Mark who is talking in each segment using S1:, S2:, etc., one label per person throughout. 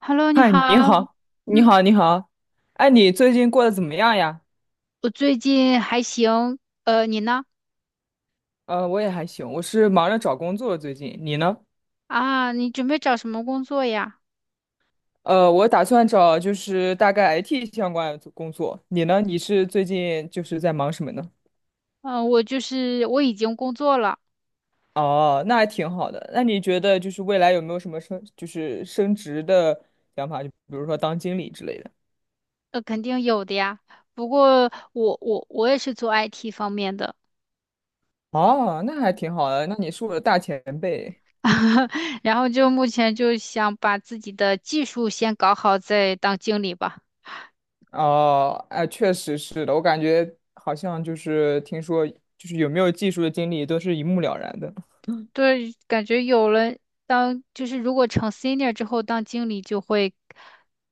S1: Hello，你
S2: 嗨，
S1: 好。
S2: 你好，你
S1: 嗯，
S2: 好，你好，哎，你最近过得怎么样呀？
S1: 我最近还行。你呢？
S2: 我也还行，我是忙着找工作最近，你呢？
S1: 啊，你准备找什么工作呀？
S2: 我打算找就是大概 IT 相关的工作，你呢？你是最近就是在忙什么呢？
S1: 嗯，我就是我已经工作了，
S2: 哦，那还挺好的。那你觉得就是未来有没有什么升就是升职的想法？就比如说当经理之类的。
S1: 肯定有的呀。不过我也是做 IT 方面的，
S2: 哦，那还挺好的。那你是我的大前辈。
S1: 然后就目前就想把自己的技术先搞好，再当经理吧。
S2: 哦，哎，确实是的，我感觉好像就是听说，就是有没有技术的经历都是一目了然的。
S1: 对，感觉有了当，就是如果成 senior 之后当经理，就会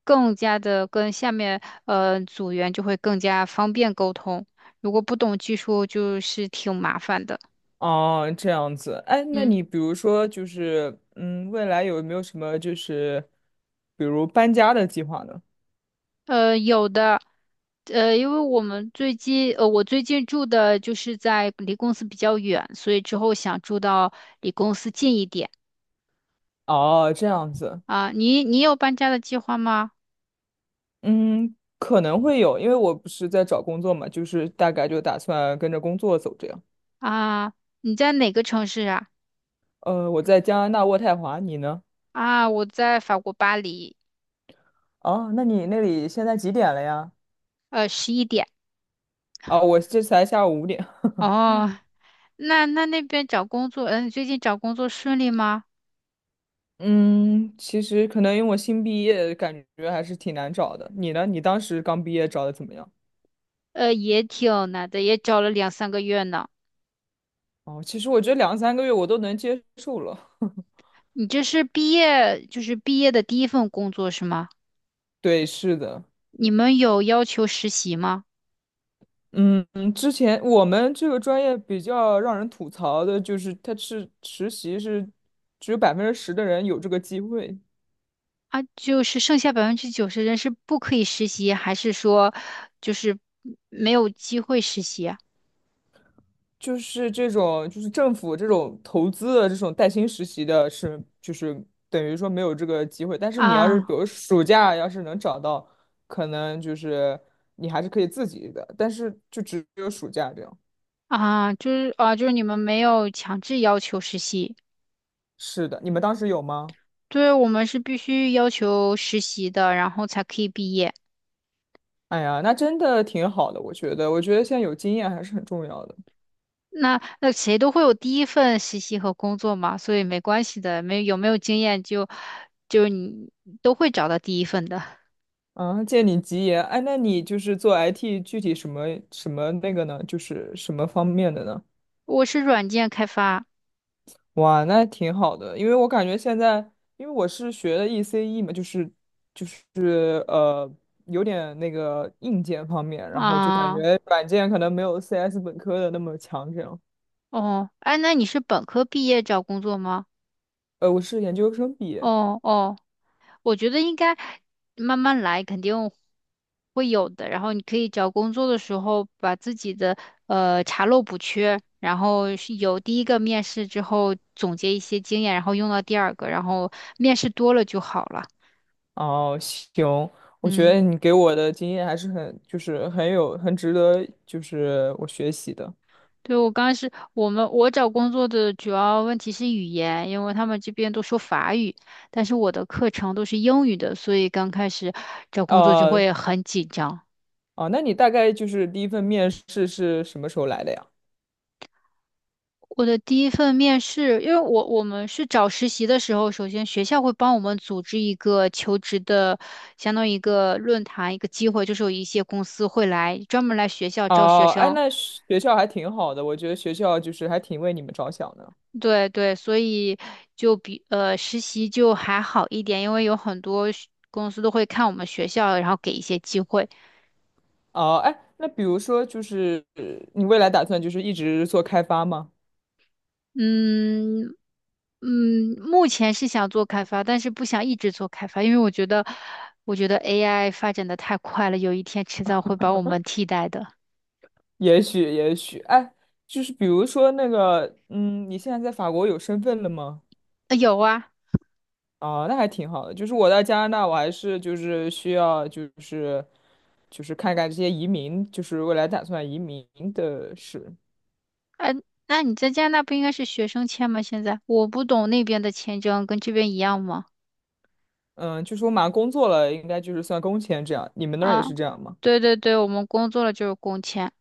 S1: 更加的跟下面组员就会更加方便沟通。如果不懂技术，就是挺麻烦的。
S2: 哦，这样子，哎，那
S1: 嗯，
S2: 你比如说就是，嗯，未来有没有什么就是，比如搬家的计划呢？
S1: 有的，呃，因为我们最近，呃，我最近住的就是在离公司比较远，所以之后想住到离公司近一点
S2: 哦，这样子，
S1: 啊。你有搬家的计划吗？
S2: 嗯，可能会有，因为我不是在找工作嘛，就是大概就打算跟着工作走这样。
S1: 啊，你在哪个城市啊？
S2: 我在加拿大渥太华，你呢？
S1: 啊，我在法国巴黎。
S2: 哦，那你那里现在几点了呀？
S1: 11点。
S2: 哦，我这才下午5点。
S1: 哦，那边找工作，你最近找工作顺利吗？
S2: 嗯，其实可能因为我新毕业，感觉还是挺难找的。你呢？你当时刚毕业找的怎么样？
S1: 也挺难的，也找了两三个月呢。
S2: 哦，其实我觉得两三个月我都能接受了。
S1: 你这是毕业，就是毕业的第一份工作是吗？
S2: 对，是的，
S1: 你们有要求实习吗？
S2: 嗯，之前我们这个专业比较让人吐槽的就是，它是实习是只有10%的人有这个机会。
S1: 啊，就是剩下90%人是不可以实习，还是说就是没有机会实习啊？
S2: 就是这种，就是政府这种投资的这种带薪实习的是，就是等于说没有这个机会。但是你要是
S1: 啊
S2: 比如暑假要是能找到，可能就是你还是可以自己的，但是就只有暑假这样。
S1: 啊，就是啊，就是你们没有强制要求实习。
S2: 是的，你们当时有吗？
S1: 对，我们是必须要求实习的，然后才可以毕业。
S2: 哎呀，那真的挺好的，我觉得，我觉得现在有经验还是很重要的。
S1: 那谁都会有第一份实习和工作嘛，所以没关系的，没有经验就你都会找到第一份的。
S2: 啊，借你吉言，哎，那你就是做 IT 具体什么什么那个呢？就是什么方面的呢？
S1: 我是软件开发
S2: 哇，那挺好的，因为我感觉现在，因为我是学的 ECE 嘛，就是就是有点那个硬件方面，然后就感
S1: 啊，
S2: 觉软件可能没有 CS 本科的那么强，这样。
S1: 哦，哎，那你是本科毕业找工作吗？
S2: 我是研究生毕业。
S1: 哦哦。我觉得应该慢慢来，肯定会有的。然后你可以找工作的时候，把自己的查漏补缺，然后是有第一个面试之后总结一些经验，然后用到第二个，然后面试多了就好了。
S2: 哦，行，我觉
S1: 嗯，
S2: 得你给我的经验还是很，就是很有，很值得，就是我学习的。
S1: 对，我刚开始我找工作的主要问题是语言，因为他们这边都说法语，但是我的课程都是英语的，所以刚开始找工作就
S2: 呃，
S1: 会很紧张。
S2: 哦，那你大概就是第一份面试是什么时候来的呀？
S1: 我的第一份面试，因为我们是找实习的时候，首先学校会帮我们组织一个求职的，相当于一个论坛，一个机会，就是有一些公司会专门来学校招学
S2: 哦，哎，
S1: 生。
S2: 那学校还挺好的，我觉得学校就是还挺为你们着想的。
S1: 对对，所以就实习就还好一点，因为有很多公司都会看我们学校，然后给一些机会。
S2: 哦，哎，那比如说就是你未来打算就是一直做开发吗？
S1: 嗯，嗯，目前是想做开发，但是不想一直做开发，因为我觉得，AI 发展的太快了，有一天迟早会把我们替代的。
S2: 也许，也许，哎，就是比如说那个，嗯，你现在在法国有身份了吗？
S1: 有啊，
S2: 哦，那还挺好的。就是我在加拿大，我还是就是需要就是就是看看这些移民，就是未来打算移民的事。
S1: 呃，那你在加拿大不应该是学生签吗？现在我不懂那边的签证跟这边一样吗？
S2: 嗯，就是我马上工作了，应该就是算工签这样。你们那儿也
S1: 啊，
S2: 是这样吗？
S1: 对对对，我们工作了就是工签。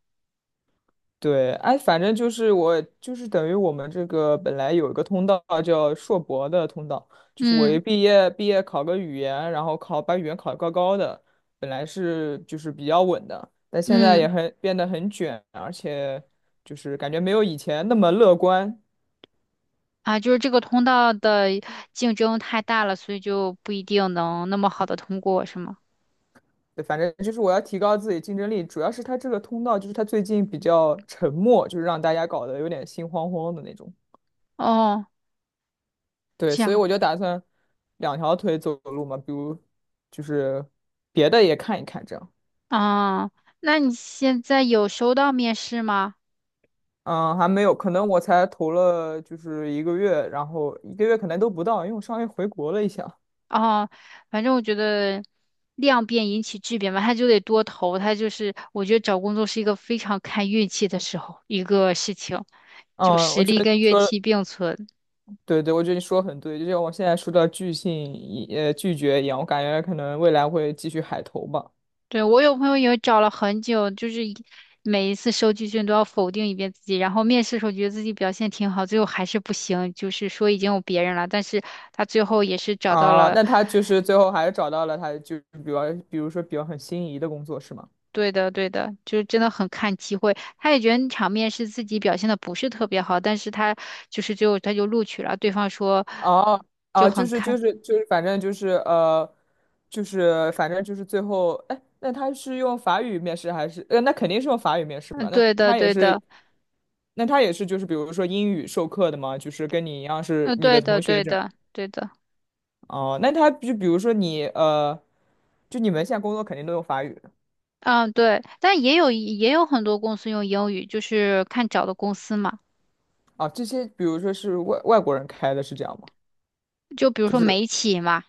S2: 对，哎，反正就是我，就是等于我们这个本来有一个通道叫硕博的通道，就是我
S1: 嗯
S2: 一毕业考个语言，然后考把语言考得高高的，本来是就是比较稳的，但现在也
S1: 嗯，
S2: 很变得很卷，而且就是感觉没有以前那么乐观。
S1: 啊，就是这个通道的竞争太大了，所以就不一定能那么好的通过，是吗？
S2: 对，反正就是我要提高自己竞争力，主要是它这个通道就是它最近比较沉默，就是让大家搞得有点心慌慌的那种。
S1: 哦，
S2: 对，
S1: 这
S2: 所以
S1: 样。
S2: 我就打算两条腿走路嘛，比如就是别的也看一看这样。
S1: 啊，那你现在有收到面试吗？
S2: 嗯，还没有，可能我才投了就是一个月，然后一个月可能都不到，因为我上个月回国了一下。
S1: 哦，反正我觉得量变引起质变吧，他就得多投，他就是我觉得找工作是一个非常看运气的时候一个事情，就
S2: 嗯，
S1: 实
S2: 我觉
S1: 力
S2: 得你
S1: 跟运
S2: 说的，
S1: 气并存。
S2: 对对，我觉得你说的很对，就像我现在说的拒绝一样，我感觉可能未来会继续海投吧。
S1: 对，我有朋友也找了很久，就是每一次收集卷都要否定一遍自己，然后面试的时候觉得自己表现挺好，最后还是不行，就是说已经有别人了，但是他最后也是找到
S2: 啊，
S1: 了。
S2: 那他就是最后还是找到了他就比如比如说比较很心仪的工作是吗？
S1: 对的，对的，就是真的很看机会。他也觉得场面是自己表现的不是特别好，但是他就是他就录取了。对方说
S2: 哦
S1: 就
S2: 哦，就
S1: 很
S2: 是
S1: 看，
S2: 就是就是，反正就是就是反正就是最后，哎，那他是用法语面试还是？那肯定是用法语面试
S1: 嗯，
S2: 吧？那
S1: 对的，
S2: 他也
S1: 对
S2: 是，
S1: 的，
S2: 那他也是就是比如说英语授课的吗？就是跟你一样是
S1: 嗯，
S2: 你的
S1: 对的，
S2: 同学
S1: 对
S2: 这样。
S1: 的，对的，
S2: 哦，那他就比如说你就你们现在工作肯定都用法语的
S1: 嗯，对。但也有很多公司用英语，就是看找的公司嘛。
S2: 啊，这些比如说是外国人开的是这样吗？
S1: 就比如
S2: 就
S1: 说
S2: 是
S1: 美企嘛，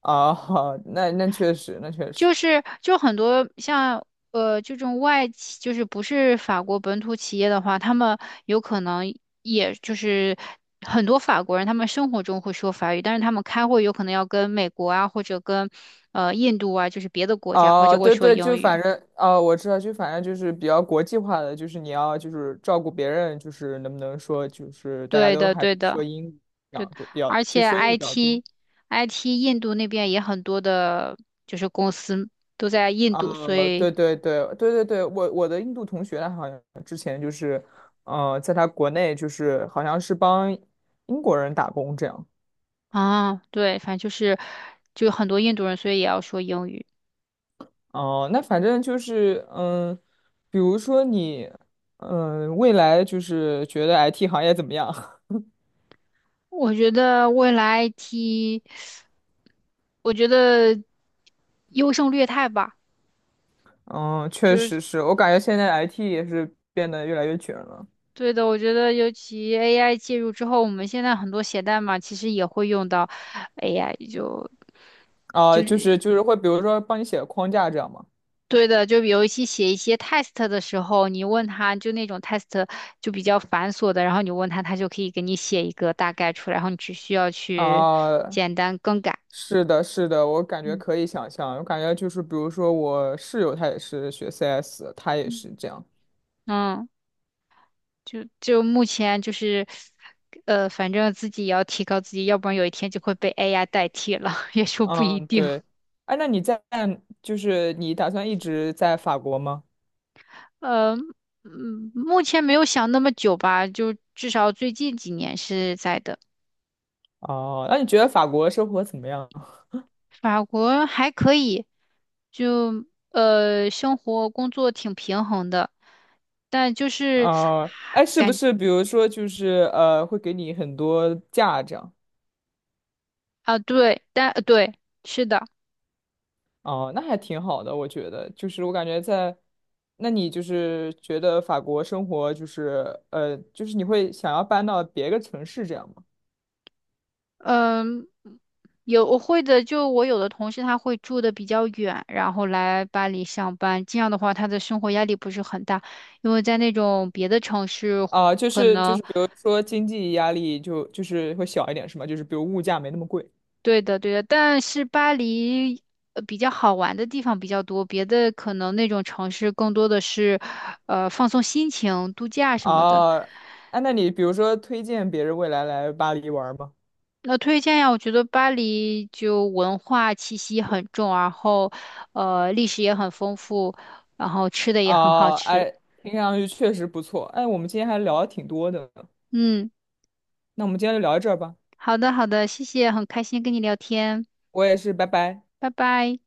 S2: 啊，那确实，那确实。
S1: 就是很多像这种外企，就是不是法国本土企业的话，他们有可能也就是很多法国人，他们生活中会说法语，但是他们开会有可能要跟美国啊，或者跟印度啊，就是别的国家，他就
S2: 哦，
S1: 会
S2: 对
S1: 说
S2: 对，
S1: 英
S2: 就反
S1: 语。
S2: 正哦，我知道，就反正就是比较国际化的，就是你要就是照顾别人，就是能不能说就是大家
S1: 对
S2: 都
S1: 的，
S2: 还
S1: 对
S2: 是说
S1: 的，
S2: 英语比
S1: 对
S2: 较
S1: 的。
S2: 多，比较
S1: 而
S2: 就
S1: 且
S2: 说英语比较多。
S1: IT IT 印度那边也很多的，就是公司都在印度，所以
S2: 对对对对对对，我的印度同学他好像之前就是，在他国内就是好像是帮英国人打工这样。
S1: 啊，对，反正就是很多印度人，所以也要说英语。
S2: 哦，那反正就是嗯，比如说你未来就是觉得 IT 行业怎么样？
S1: 我觉得未来 IT，我觉得优胜劣汰吧，
S2: 嗯，确
S1: 就是
S2: 实是我感觉现在 IT 也是变得越来越卷了
S1: 对的。我觉得尤其 AI 介入之后，我们现在很多写代码其实也会用到 AI，就
S2: 啊，就是就是会比如说帮你写个框架这样嘛
S1: 对的。就尤其写一些 test 的时候，你问他就那种 test 就比较繁琐的，然后你问他，他就可以给你写一个大概出来，然后你只需要去
S2: 啊，
S1: 简单更改。
S2: 是的，是的，我感觉
S1: 嗯
S2: 可以想象，我感觉就是比如说我室友他也是学 CS，他也
S1: 嗯，
S2: 是这样，
S1: 嗯。就目前就是，反正自己也要提高自己，要不然有一天就会被 AI 代替了，也说不一
S2: 嗯，
S1: 定。
S2: 对，哎，那你在就是你打算一直在法国吗？
S1: 呃，嗯，目前没有想那么久吧，就至少最近几年是在的。
S2: 哦，那你觉得法国生活怎么样？
S1: 法国还可以，生活工作挺平衡的，但就是
S2: 啊，哎，是不是比如说就是会给你很多假这样？
S1: 啊，对，但对，是的。
S2: 哦，那还挺好的，我觉得，就是我感觉在，那你就是觉得法国生活就是就是你会想要搬到别个城市这样吗？
S1: 嗯，有我会的，就我有的同事他会住的比较远，然后来巴黎上班，这样的话他的生活压力不是很大，因为在那种别的城市
S2: 啊，就
S1: 可
S2: 是就
S1: 能，
S2: 是，比如说经济压力就就是会小一点，是吗？就是比如物价没那么贵。
S1: 对的对的，但是巴黎比较好玩的地方比较多，别的可能那种城市更多的是，放松心情、度假什么的。
S2: 啊。哎，那你比如说推荐别人未来来巴黎玩吗？
S1: 那推荐呀，我觉得巴黎就文化气息很重，然后历史也很丰富，然后吃的也很好
S2: 哦，
S1: 吃。
S2: 哎，听上去确实不错。哎，我们今天还聊的挺多的呢，
S1: 嗯，
S2: 那我们今天就聊到这儿吧。
S1: 好的好的，谢谢，很开心跟你聊天，
S2: 我也是，拜拜。
S1: 拜拜。